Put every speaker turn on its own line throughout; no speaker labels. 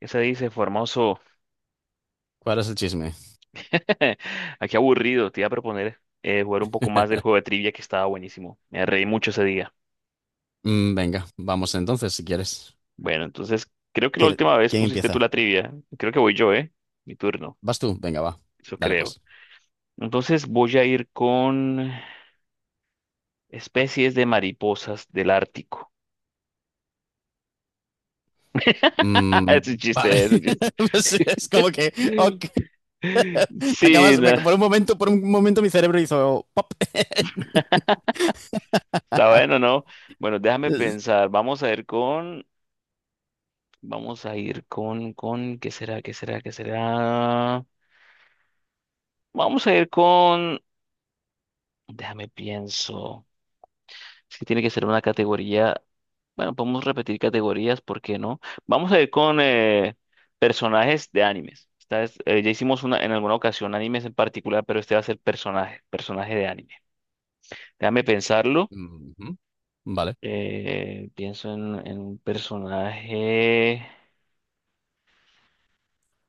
¿Qué se dice, Formoso?
¿Cuál es el chisme?
Aquí aburrido, te iba a proponer jugar un poco más del juego de trivia que estaba buenísimo. Me reí mucho ese día.
Venga, vamos entonces, si quieres.
Bueno, entonces creo que la
¿Quiere-
última vez
¿Quién
pusiste tú
empieza?
la trivia. Creo que voy yo, ¿eh? Mi turno,
¿Vas tú? Venga, va.
eso
Dale,
creo.
pues.
Entonces voy a ir con especies de mariposas del Ártico.
Mm,
Es un
vale.
chiste, es un chiste.
Pues es como que, ok.
Sí, no, está
Por un momento, mi cerebro hizo pop.
bueno, ¿no? Bueno, déjame
Es-
pensar. Vamos a ir con... Vamos a ir con, ¿qué será? ¿Qué será? ¿Qué será? Vamos a ir con, déjame pienso. Es que tiene que ser una categoría. Bueno, podemos repetir categorías, ¿por qué no? Vamos a ir con personajes de animes. Esta vez, ya hicimos una, en alguna ocasión animes en particular, pero este va a ser personaje de anime. Déjame pensarlo.
Ujú, vale.
Pienso en un personaje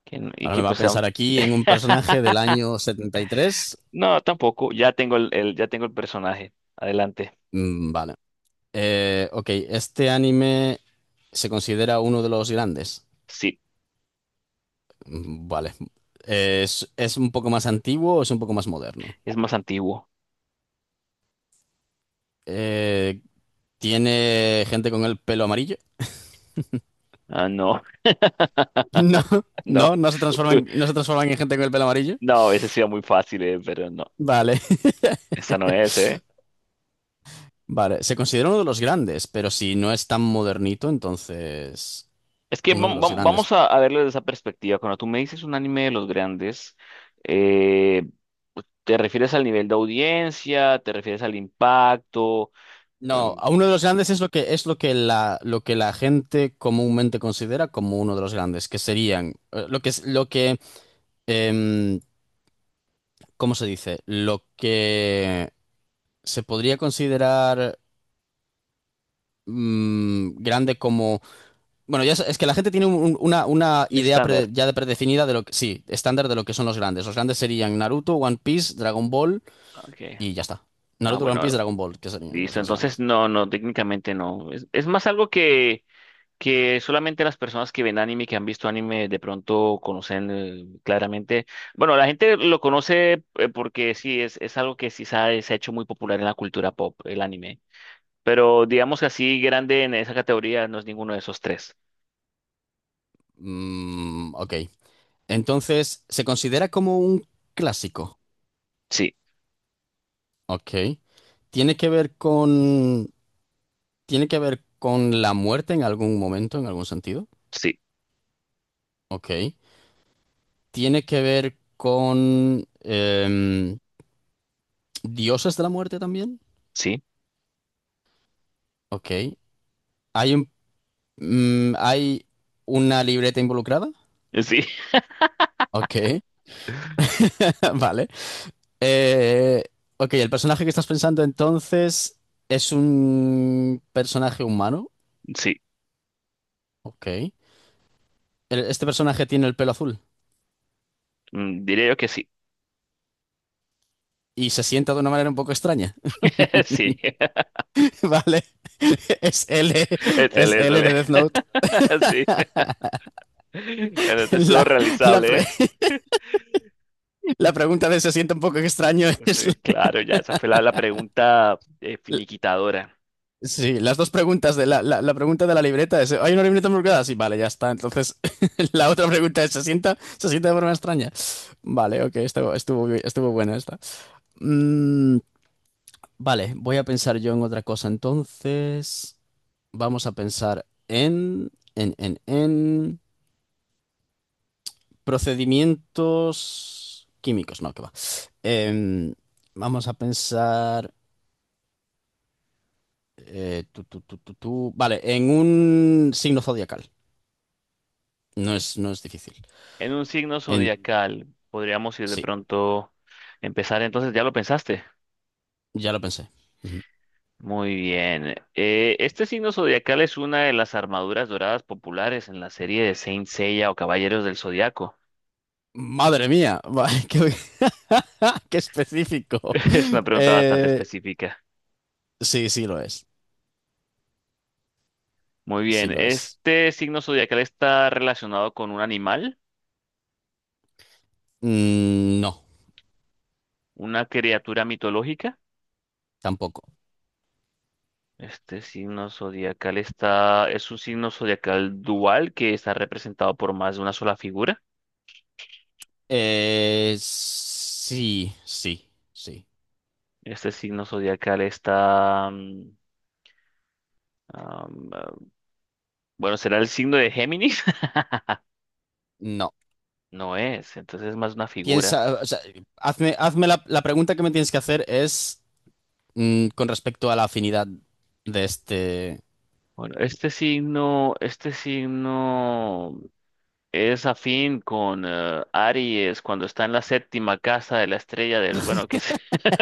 que,
Ahora
que
me va a
pues sea
pensar
un-
aquí en un personaje del año 73.
No, tampoco. Ya tengo ya tengo el personaje. Adelante.
Mm, vale. Ok, este anime se considera uno de los grandes.
Sí,
Mm, vale. ¿Es un poco más antiguo o es un poco más moderno?
es más antiguo.
Eh, ¿Tiene gente con el pelo amarillo?
Ah, no,
No,
no.
no, no se transforman en gente con el pelo amarillo.
No, ese sí era muy fácil, pero no.
Vale,
Esta no es, ¿eh?
vale. Se considera uno de los grandes, pero si no es tan modernito, entonces
Es que
uno de los
vamos
grandes.
a verlo desde esa perspectiva. Cuando tú me dices un anime de los grandes, eh, ¿te refieres al nivel de audiencia? ¿Te refieres al impacto?
No,
Em,
a uno de los grandes es lo que la gente comúnmente considera como uno de los grandes, que serían lo que es lo que em, ¿cómo se dice? Lo que se podría considerar, grande como... Bueno, ya es que la gente tiene una
un
idea
estándar.
ya de predefinida de lo que... Sí, estándar de lo que son los grandes. Los grandes serían Naruto, One Piece, Dragon Ball
Ok.
y ya está.
Ah,
Naruto, One
bueno,
Piece, Dragon Ball, que serían los
listo.
más
Entonces,
grandes.
no, no, técnicamente no. Es más algo que solamente las personas que ven anime, que han visto anime, de pronto conocen claramente. Bueno, la gente lo conoce porque sí, es algo que sí se ha hecho muy popular en la cultura pop, el anime. Pero digamos que así grande en esa categoría no es ninguno de esos tres.
Mm, ok. Entonces, se considera como un clásico.
Sí,
Ok. ¿Tiene que ver con... ¿Tiene que ver con la muerte en algún momento, en algún sentido?
sí,
Ok. Tiene que ver con... ¿Dioses de la muerte también?
sí,
Ok. ¿Hay un, ¿Hay una libreta involucrada?
sí,
Ok. Vale. Eh, ok, el personaje que estás pensando entonces es un personaje humano.
sí.
Ok. El- Este personaje tiene el pelo azul
Mm, diría yo que sí.
y se sienta de una manera un poco extraña.
Sí,
Vale. Es L, es L
excelente,
de Death
excelente.
Note.
Sí. Bueno, este estuvo
La, la
realizable, ¿eh?
la pregunta de se sienta un poco extraño es,
Sí, claro, ya esa fue la pregunta
la,
finiquitadora.
sí, las dos preguntas de la pregunta de la libreta es, ¿hay una libreta embrujada? Sí, vale, ya está. Entonces, la otra pregunta es, ¿se sienta de forma extraña? Vale, ok, estuvo, estuvo buena esta. Mm, vale, voy a pensar yo en otra cosa. Entonces, vamos a pensar en procedimientos químicos. No, que va. Em, Vamos a pensar, tú, tú, tú, tú, tú. Vale, en un signo zodiacal. No es difícil.
En un signo
En-
zodiacal, podríamos ir de
sí,
pronto empezar. Entonces, ¿ya lo pensaste?
ya lo pensé. Ujú.
Muy bien. Este signo zodiacal es una de las armaduras doradas populares en la serie de Saint Seiya o Caballeros del Zodiaco.
Madre mía, va, qué, qué específico.
Es una pregunta bastante
Eh,
específica.
sí, sí lo es.
Muy
Sí
bien.
lo es.
¿Este signo zodiacal está relacionado con un animal,
Mm, no,
una criatura mitológica?
tampoco.
Este signo zodiacal está, es un signo zodiacal dual que está representado por más de una sola figura.
Sí, sí, sí.
Este signo zodiacal está... am, ah, bueno, ¿será el signo de Géminis?
No.
No es, entonces es más una figura.
Piensa, o sea, hazme la pregunta que me tienes que hacer es, con respecto a la afinidad de este...
Bueno, este signo es afín con Aries cuando está en la séptima casa de la estrella del, bueno, que es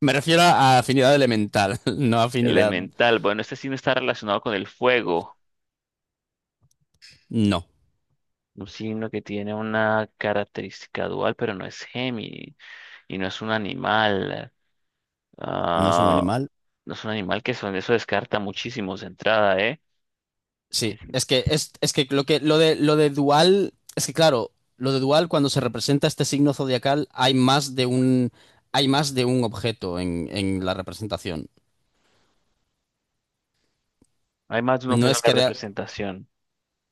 Me refiero a afinidad elemental, no afinidad...
elemental. Bueno, este signo está relacionado con el fuego,
No,
un signo que tiene una característica dual, pero no es Géminis y no es un animal.
no es un
Ah,
animal.
no es un animal que son, eso descarta muchísimos de entrada, ¿eh? Que-
Sí,
sí.
es que lo de dual, es que claro, lo de dual cuando se representa este signo zodiacal hay más de un, hay más de un objeto en la representación.
Hay más de un
No
objeto en
es
la
que rea-
representación.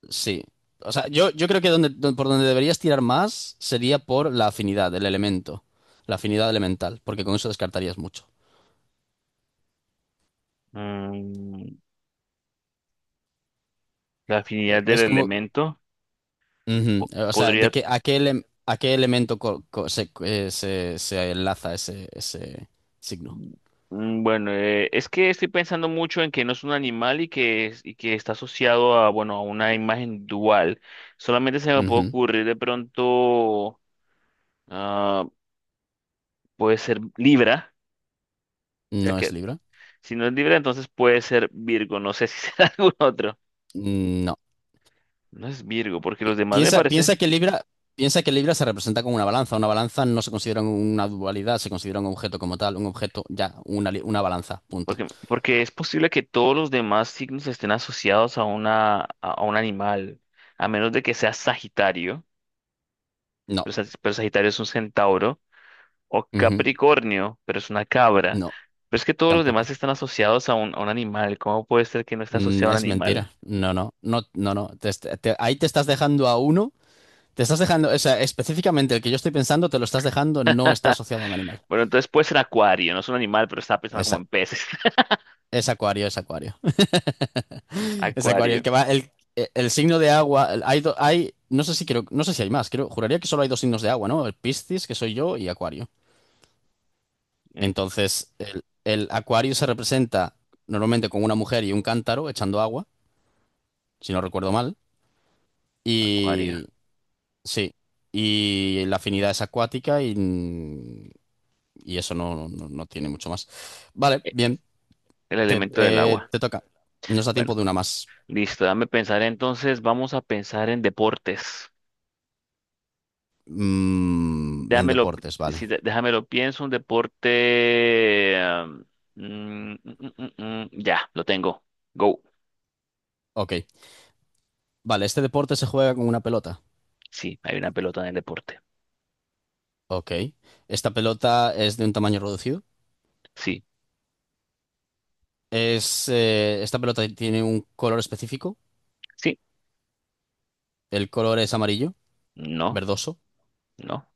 sí. O sea, yo creo que donde, don- por donde deberías tirar más sería por la afinidad, el elemento, la afinidad elemental, porque con eso descartarías mucho.
Mm, la afinidad del
Es como,
elemento
ujú,
po-
o sea, de
podría.
que a qué, ele- a qué elemento se, se enlaza ese, ese signo.
Mm, bueno, es que estoy pensando mucho en que no es un animal y que, es- y que está asociado a, bueno, a una imagen dual. Solamente se me puede
Ujú,
ocurrir de pronto, ah, puede ser Libra, ya
no es
que
Libra.
si no es Libra, entonces puede ser Virgo. No sé si será algún otro.
Mm, no.
No es Virgo, porque los demás me
Piensa,
parece.
piensa que Libra se representa como una balanza. Una balanza no se considera una dualidad, se considera un objeto como tal, un objeto, ya, una, una balanza, punto.
Porque, porque es posible que todos los demás signos estén asociados a una, a un animal, a menos de que sea Sagitario,
No.
pero, Sa- pero Sagitario es un centauro, o
Ujú.
Capricornio, pero es una cabra.
No,
Pero es que todos los demás
tampoco.
están asociados a a un animal. ¿Cómo puede ser que no esté
Mm,
asociado a un
es
animal?
mentira. No, no, no, no, no. Ahí te estás dejando a uno, te estás dejando, o sea, específicamente el que yo estoy pensando, te lo estás dejando, no está asociado a un animal.
Bueno, entonces puede ser Acuario, no es un animal, pero está pensando como
Esa-
en peces.
es acuario, es acuario. Es Acuario, el que
Acuario,
va, el signo de agua, el- hay, do- hay, no sé si creo, no sé si hay más, creo, juraría que solo hay dos signos de agua, ¿no? El Piscis, que soy yo, y Acuario.
eh,
Entonces, el Acuario se representa normalmente con una mujer y un cántaro echando agua, si no recuerdo mal,
Acuario,
y sí, y la afinidad es acuática y eso no, no, no tiene mucho más. Vale,
eh,
bien,
el
te,
elemento del agua.
te toca. Nos da tiempo
Bueno,
de una más.
listo, dame pensar entonces, vamos a pensar en deportes.
Mm, en
Déjamelo,
deportes, vale.
sí, dé- déjamelo pienso, un deporte. Am, mm, mm, mm, mm, mm, ya, lo tengo. Go.
Ok. Vale, este deporte se juega con una pelota.
Sí, hay una pelota en el deporte.
Ok. Esta pelota es de un tamaño reducido.
Sí,
Es, esta pelota tiene un color específico.
sí,
El color es amarillo,
no,
verdoso.
no.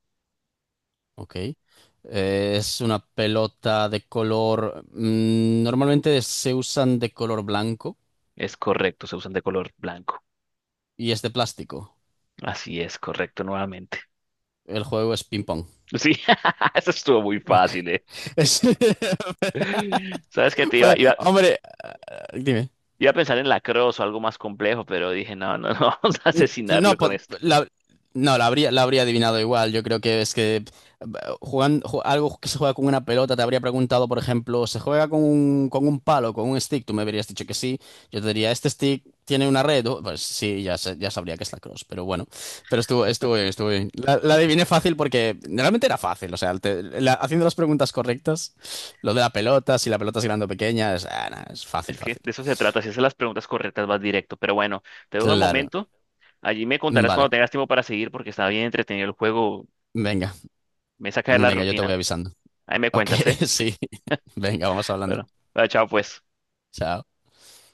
Ok. Es una pelota de color... normalmente se usan de color blanco
Es correcto, se usan de color blanco.
y es de plástico.
Así es, correcto, nuevamente.
El juego es ping-pong.
Sí, eso estuvo muy
Ok.
fácil, ¿eh?
Es-
Sabes que te
Pues, hombre, dime.
iba a pensar en lacrosse o algo más complejo, pero dije, no, no, no, vamos a
N- No,
asesinarlo con
po-
esto.
la, no, la habría adivinado igual. Yo creo que es que jugando, algo que se juega con una pelota, te habría preguntado, por ejemplo, ¿se juega con un palo, con un stick? Tú me habrías dicho que sí. Yo te diría, ¿este stick tiene una red? Oh, pues sí, ya, sa- ya sabría que es la cross, pero bueno. Pero estuvo, estuvo bien, estuvo bien. La adiviné fácil porque realmente era fácil. O sea, te- la- haciendo las preguntas correctas, lo de la pelota, si la pelota es grande o pequeña, es, ah, nah, es fácil,
Es que
fácil.
de eso se trata. Si haces las preguntas correctas, vas directo. Pero bueno, te dejo el
Claro.
momento. Allí me contarás cuando
Vale.
tengas tiempo para seguir porque está bien entretenido el juego.
Venga,
Me saca de la
venga, yo te voy
rutina.
avisando.
Ahí me
Ok,
cuentas, ¿eh?
sí. Venga, vamos hablando.
Bueno, bueno, chao pues.
Chao.